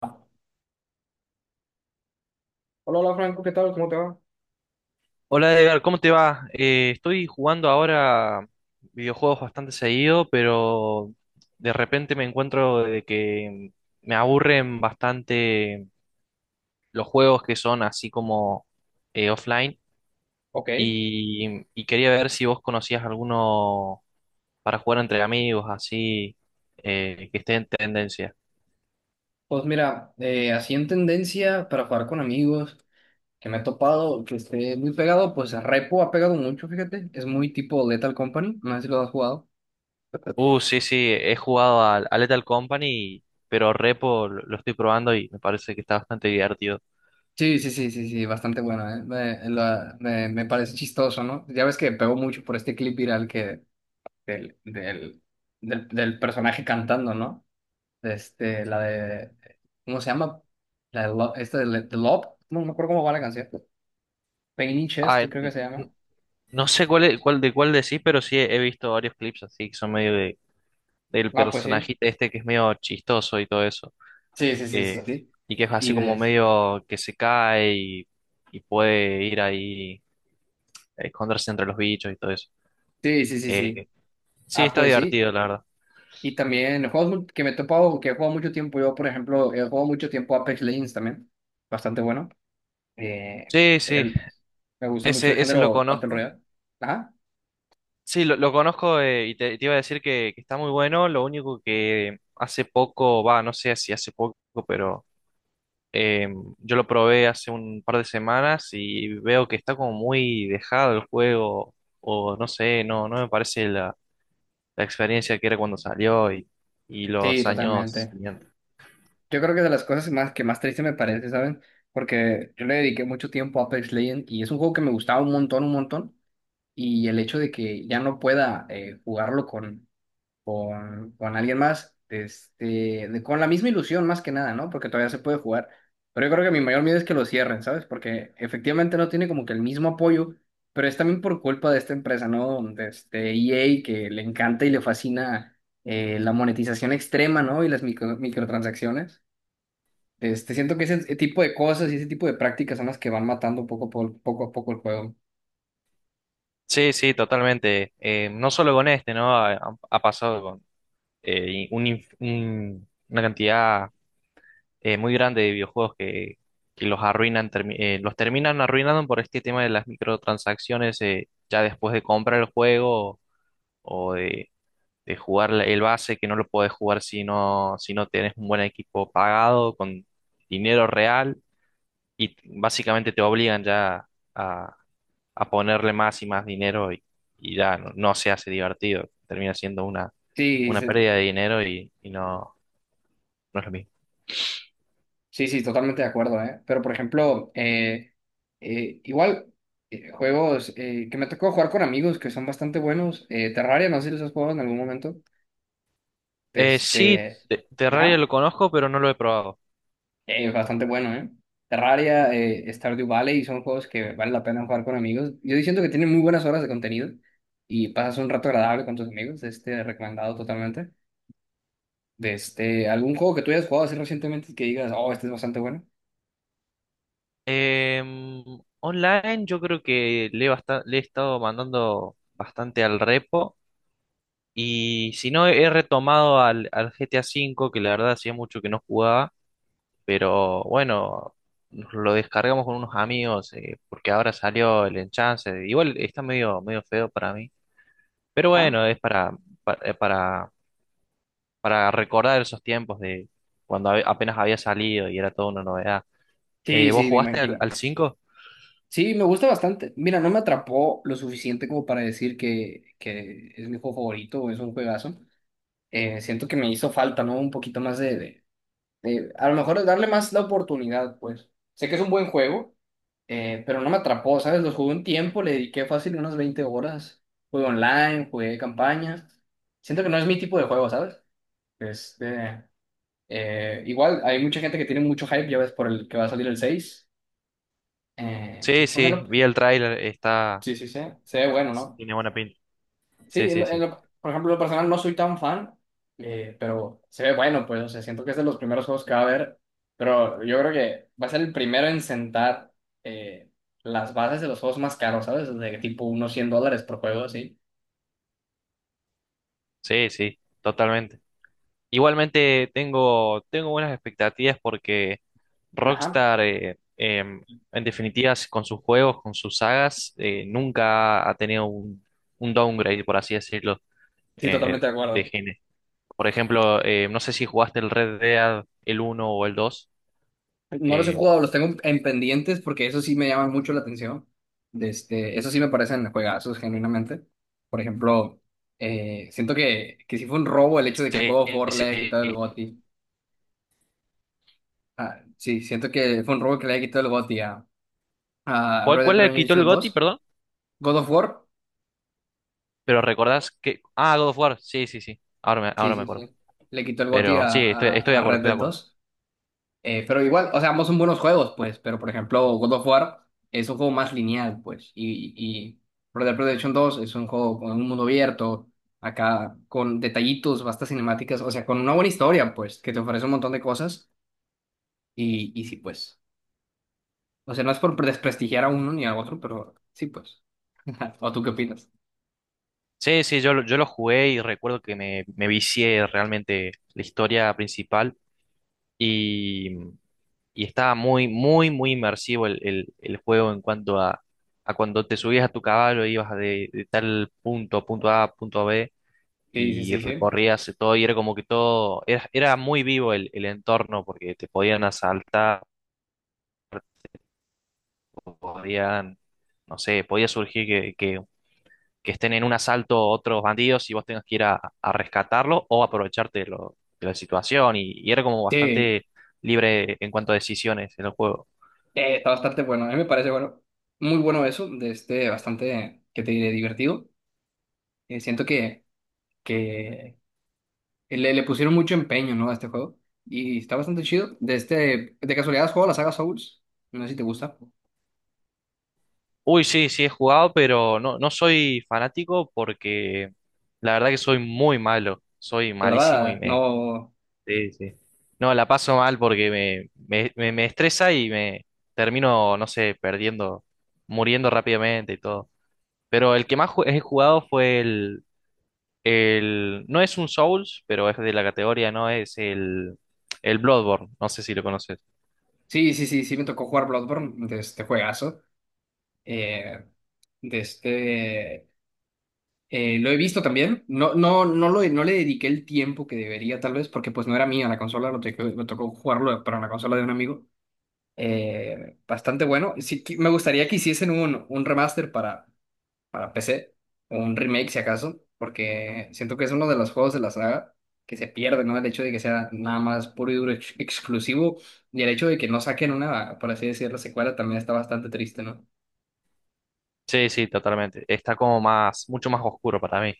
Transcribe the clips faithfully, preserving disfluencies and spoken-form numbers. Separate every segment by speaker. Speaker 1: Hola, hola Franco, ¿qué tal? ¿Cómo te va?
Speaker 2: Hola Edgar, ¿cómo te va? Eh, estoy jugando ahora videojuegos bastante seguido, pero de repente me encuentro de que me aburren bastante los juegos que son así como eh, offline,
Speaker 1: Ok.
Speaker 2: y, y quería ver si vos conocías alguno para jugar entre amigos, así eh, que esté en tendencia.
Speaker 1: Pues mira, eh, así en tendencia para jugar con amigos, que me he topado, que esté muy pegado, pues Repo ha pegado mucho, fíjate, es muy tipo Lethal Company, no sé si lo has jugado.
Speaker 2: Uh, sí, sí, he jugado al a Lethal Company, pero Repo lo lo estoy probando y me parece que está bastante divertido.
Speaker 1: Sí, sí, sí, sí, sí, bastante bueno, ¿eh? Me, la- me- me parece chistoso, ¿no? Ya ves que pegó mucho por este clip viral que del, del, del, del personaje cantando, ¿no? Este, la de, ¿cómo se llama? La de Lo- esta de, Le- de Love, no me acuerdo cómo va la canción. Pain in
Speaker 2: Ah,
Speaker 1: Chest,
Speaker 2: eh,
Speaker 1: creo que se llama.
Speaker 2: No sé cuál, es- cuál de cuál decís, pero sí he, he visto varios clips así que son medio de, del
Speaker 1: Ah, pues sí.
Speaker 2: personajito este que es medio chistoso y todo eso.
Speaker 1: Sí, sí, sí, sí,
Speaker 2: eh,
Speaker 1: sí.
Speaker 2: y que es así
Speaker 1: Y
Speaker 2: como
Speaker 1: de...
Speaker 2: medio que se cae y, y puede ir ahí a esconderse entre los bichos y todo eso.
Speaker 1: Sí, sí, sí,
Speaker 2: Eh,
Speaker 1: sí.
Speaker 2: sí,
Speaker 1: Ah,
Speaker 2: está
Speaker 1: pues sí.
Speaker 2: divertido, la verdad.
Speaker 1: Y también juegos mul- que me he topado, que he jugado mucho tiempo. Yo, por ejemplo, he jugado mucho tiempo Apex Legends también. Bastante bueno. Eh,
Speaker 2: Sí, sí,
Speaker 1: el- Me gusta mucho el
Speaker 2: ese, ese lo
Speaker 1: género Battle
Speaker 2: conozco.
Speaker 1: Royale. Ajá.
Speaker 2: Sí, lo, lo conozco, eh, y te, te iba a decir que, que está muy bueno. Lo único que hace poco, va, no sé si hace poco, pero. Eh, yo lo probé hace un par de semanas y veo que está como muy dejado el juego, o no sé, no, no me parece la, la experiencia que era cuando salió y, y
Speaker 1: Sí,
Speaker 2: los años
Speaker 1: totalmente.
Speaker 2: siguientes.
Speaker 1: Yo creo que de las cosas más que más triste me parece, ¿saben? Porque yo le dediqué mucho tiempo a Apex Legends y es un juego que me gustaba un montón, un montón. Y el hecho de que ya no pueda eh, jugarlo con con, con alguien más, este, de- con la misma ilusión más que nada, ¿no? Porque todavía se puede jugar. Pero yo creo que mi mayor miedo es que lo cierren, ¿sabes? Porque efectivamente no tiene como que el mismo apoyo, pero es también por culpa de esta empresa, ¿no? De este E A que le encanta y le fascina eh, la monetización extrema, ¿no? Y las micro- microtransacciones. Este, siento que ese tipo de cosas y ese tipo de prácticas son las que van matando poco a poco, poco a poco el juego.
Speaker 2: Sí, sí, totalmente. Eh, no solo con este, ¿no? Ha, ha- ha pasado con eh, un inf- un- una cantidad eh, muy grande de videojuegos que, que los arruinan, termi- eh, los terminan arruinando por este tema de las microtransacciones, eh, ya después de comprar el juego o de de jugar la- el base, que no lo podés jugar si no, si no tenés un buen equipo pagado, con dinero real, y t- básicamente te obligan ya a, a ponerle más y más dinero y, y ya no, no se hace divertido, termina siendo una,
Speaker 1: Sí,
Speaker 2: una
Speaker 1: sí.
Speaker 2: pérdida de dinero y, y no, no es lo mismo.
Speaker 1: Sí, sí, totalmente de acuerdo, ¿eh? Pero, por ejemplo, eh, eh, igual, eh, juegos eh, que me tocó jugar con amigos que son bastante buenos. eh, Terraria, no sé si los has jugado en algún momento.
Speaker 2: Eh, sí,
Speaker 1: Este,
Speaker 2: te- Terraria lo
Speaker 1: ajá,
Speaker 2: conozco, pero no lo he probado.
Speaker 1: eh, es bastante bueno, ¿eh? Terraria, eh, Stardew Valley, son juegos que vale la pena jugar con amigos. Yo siento que tienen muy buenas horas de contenido y pasas un rato agradable con tus amigos, este, recomendado totalmente. De este, algún juego que tú hayas jugado así recientemente que digas, oh, este es bastante bueno.
Speaker 2: Em, Online yo creo que le he, basta- le he estado mandando bastante al repo. Y si no, he retomado al, al G T A V, que la verdad hacía mucho que no jugaba, pero bueno, nos lo descargamos con unos amigos, eh, porque ahora salió el enchance. Igual está medio, medio feo para mí, pero
Speaker 1: ¿Ah?
Speaker 2: bueno, es para, para, eh, para, para recordar esos tiempos de cuando hab- apenas había salido y era toda una novedad. Eh,
Speaker 1: Sí,
Speaker 2: ¿vos
Speaker 1: sí, me
Speaker 2: jugaste al,
Speaker 1: imagino.
Speaker 2: al cinco?
Speaker 1: Sí, me gusta bastante. Mira, no me atrapó lo suficiente como para decir que, que es mi juego favorito o es un juegazo. Eh, siento que me hizo falta, ¿no? Un poquito más de, de- de- a lo mejor darle más la oportunidad, pues. Sé que es un buen juego, eh, pero no me atrapó, ¿sabes? Lo jugué un tiempo, le dediqué fácil unas veinte horas. Jugué online, jugué campañas. Siento que no es mi tipo de juego, ¿sabes? Este, eh, igual, hay mucha gente que tiene mucho hype, ya ves, por el que va a salir el seis. Eh, y
Speaker 2: Sí,
Speaker 1: pues, en
Speaker 2: sí, vi el tráiler, está...
Speaker 1: sí, sí, sí. Se ve bueno, ¿no?
Speaker 2: Tiene buena pinta.
Speaker 1: Sí,
Speaker 2: Sí,
Speaker 1: en
Speaker 2: sí,
Speaker 1: lo- en
Speaker 2: sí,
Speaker 1: lo- por ejemplo, en lo personal no soy tan fan, eh, pero se ve bueno, pues, o sea, siento que es de los primeros juegos que va a haber, pero yo creo que va a ser el primero en sentar eh, las bases de los juegos más caros, ¿sabes? De tipo unos cien dólares por juego, así.
Speaker 2: sí, sí, totalmente. Igualmente tengo, tengo buenas expectativas porque
Speaker 1: Ajá.
Speaker 2: Rockstar, eh, em, en definitiva, s- con sus juegos, con sus sagas, eh, nunca ha tenido un, un downgrade, por así decirlo,
Speaker 1: Sí,
Speaker 2: eh,
Speaker 1: totalmente de
Speaker 2: de
Speaker 1: acuerdo.
Speaker 2: género. Por ejemplo, eh, no sé si jugaste el Red Dead, el uno o el dos.
Speaker 1: No los he
Speaker 2: Eh,
Speaker 1: jugado, los tengo en pendientes porque eso sí me llama mucho la atención. De este, eso sí me parecen juegazos, genuinamente. Por ejemplo, eh, siento que, que sí fue un robo el hecho de que el
Speaker 2: sí,
Speaker 1: juego of War le
Speaker 2: sí.
Speaker 1: haya quitado el G O T Y. Ah, sí, siento que fue un robo que le quitó el G O T Y a, a
Speaker 2: ¿Cuál,
Speaker 1: Red Dead
Speaker 2: cuál le quitó el
Speaker 1: Redemption
Speaker 2: GOTY,
Speaker 1: dos
Speaker 2: perdón?
Speaker 1: God of War,
Speaker 2: Pero recordás que... Ah, God of War, sí, sí, sí. Ahora me,
Speaker 1: sí,
Speaker 2: ahora me
Speaker 1: sí,
Speaker 2: acuerdo.
Speaker 1: sí. Le quitó el G O T Y
Speaker 2: Pero
Speaker 1: a,
Speaker 2: sí, estoy, estoy
Speaker 1: a,
Speaker 2: de
Speaker 1: a
Speaker 2: acuerdo,
Speaker 1: Red
Speaker 2: estoy de
Speaker 1: Dead
Speaker 2: acuerdo.
Speaker 1: dos Eh, pero igual, o sea, ambos son buenos juegos, pues. Pero por ejemplo, God of War es un juego más lineal, pues. Y, y Red Dead Redemption dos es un juego con un mundo abierto, acá con detallitos, vastas cinemáticas, o sea, con una buena historia, pues, que te ofrece un montón de cosas. Y, y sí, pues. O sea, no es por desprestigiar a uno ni a otro, pero sí, pues. ¿O tú qué opinas?
Speaker 2: Sí, sí, yo, lo- yo lo jugué y recuerdo que me, me vicié realmente la historia principal y, y estaba muy, muy, muy inmersivo el, el- el juego en cuanto a, a cuando te subías a tu caballo, ibas de, de tal punto, punto A, punto B,
Speaker 1: Sí, sí,
Speaker 2: y
Speaker 1: sí, sí.
Speaker 2: recorrías todo y era como que todo, era, era muy vivo el, el entorno porque te podían asaltar, podían, no sé, podía surgir que, que que estén en un asalto otros bandidos y vos tengas que ir a, a rescatarlo o aprovecharte de, lo- de la situación. Y, y era como
Speaker 1: Sí,
Speaker 2: bastante libre en cuanto a decisiones en el juego.
Speaker 1: eh, está bastante bueno. A mí me parece bueno, muy bueno eso, de este bastante, que te diré, divertido. Eh, siento que, que le, le pusieron mucho empeño, ¿no? A este juego. Y está bastante chido. De este, de casualidad, ¿has jugado la saga Souls? No sé si te gusta.
Speaker 2: Uy, sí, sí he jugado, pero no, no soy fanático porque la verdad que soy muy malo. Soy
Speaker 1: De
Speaker 2: malísimo y
Speaker 1: verdad,
Speaker 2: me...
Speaker 1: no.
Speaker 2: Sí, sí. No, la paso mal porque me, me, me, me estresa y me termino, no sé, perdiendo, muriendo rápidamente y todo. Pero el que más ju- he jugado fue el, El, No es un Souls, pero es de la categoría, no es el, el Bloodborne. No sé si lo conoces.
Speaker 1: Sí, sí, sí, sí, me tocó jugar Bloodborne, de este juegazo. Eh, de este. Eh, lo he visto también. No, no, no, lo, no le dediqué el tiempo que debería, tal vez, porque pues no era mía la consola, lo tocó, me tocó jugarlo para una consola de un amigo. Eh, bastante bueno. Sí, qui- me gustaría que hiciesen un, un remaster para, para P C, o un remake si acaso, porque siento que es uno de los juegos de la saga que se pierde, ¿no? El hecho de que sea nada más puro y duro ex- exclusivo y el hecho de que no saquen una, por así decirlo, secuela también está bastante triste, ¿no?
Speaker 2: Sí, sí, totalmente. Está como más, mucho más oscuro para mí.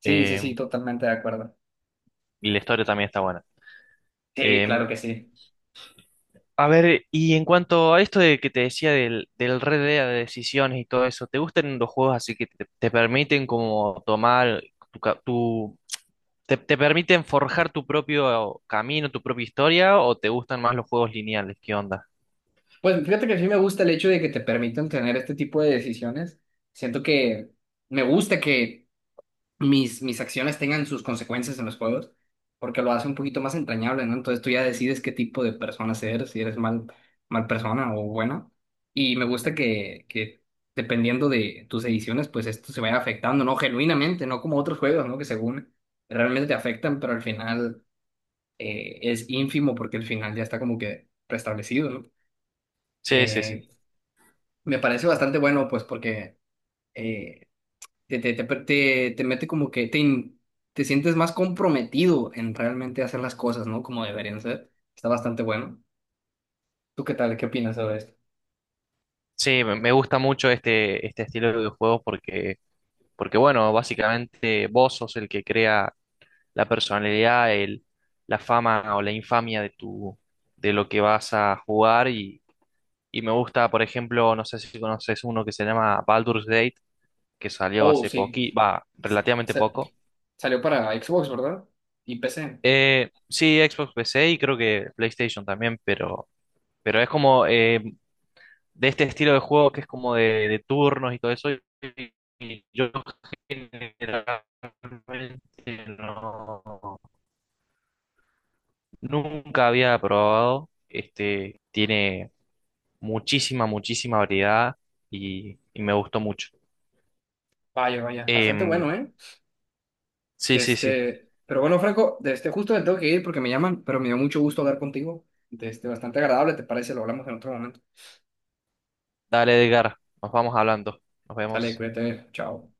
Speaker 1: Sí, sí,
Speaker 2: Eh,
Speaker 1: sí, totalmente de acuerdo.
Speaker 2: y la historia también está buena.
Speaker 1: Sí,
Speaker 2: Eh,
Speaker 1: claro que sí.
Speaker 2: a ver, y en cuanto a esto de que te decía del, del Red Dead, de decisiones y todo eso, ¿te gustan los juegos así que te, te permiten como tomar tu, ca- tu- te, te permiten forjar tu propio camino, tu propia historia, o te gustan más los juegos lineales? ¿Qué onda?
Speaker 1: Pues fíjate que sí me gusta el hecho de que te permitan tener este tipo de decisiones. Siento que me gusta que mis, mis acciones tengan sus consecuencias en los juegos, porque lo hace un poquito más entrañable, ¿no? Entonces tú ya decides qué tipo de persona eres, si eres mal, mal persona o buena. Y me gusta que, que dependiendo de tus ediciones, pues esto se vaya afectando, ¿no? Genuinamente, no como otros juegos, ¿no? Que según realmente te afectan, pero al final eh, es ínfimo porque el final ya está como que preestablecido, ¿no?
Speaker 2: Sí, sí, sí.
Speaker 1: Eh, me parece bastante bueno, pues, porque eh, te, te, te, te- te mete como que te, in- te sientes más comprometido en realmente hacer las cosas, ¿no? Como deberían ser. Está bastante bueno. ¿Tú qué tal? ¿Qué opinas sobre esto?
Speaker 2: Sí, me me gusta mucho este, este estilo de videojuegos porque, porque, bueno, básicamente vos sos el que crea la personalidad, el, la fama o la infamia de tu, de lo que vas a jugar y, y me gusta, por ejemplo, no sé si conoces uno que se llama Baldur's Gate, que salió
Speaker 1: Oh,
Speaker 2: hace
Speaker 1: sí.
Speaker 2: poqui, va, relativamente
Speaker 1: Sa-
Speaker 2: poco.
Speaker 1: Salió para Xbox, ¿verdad? Y P C.
Speaker 2: Eh, sí, Xbox P C y creo que PlayStation también, pero, pero es como, eh, de este estilo de juego que es como de, de turnos y todo eso. Y, y yo generalmente no- nunca había probado. Este tiene muchísima, muchísima variedad y, y me gustó mucho.
Speaker 1: Vaya, vaya. Bastante
Speaker 2: Em,
Speaker 1: bueno, ¿eh?
Speaker 2: sí,
Speaker 1: De
Speaker 2: sí, sí.
Speaker 1: este... Pero bueno, Franco, de este justo me tengo que ir porque me llaman, pero me dio mucho gusto hablar contigo. De este, bastante agradable, ¿te parece? Lo hablamos en otro momento.
Speaker 2: Dale, Edgar. Nos vamos hablando. Nos
Speaker 1: Sale,
Speaker 2: vemos.
Speaker 1: cuídate. Chao.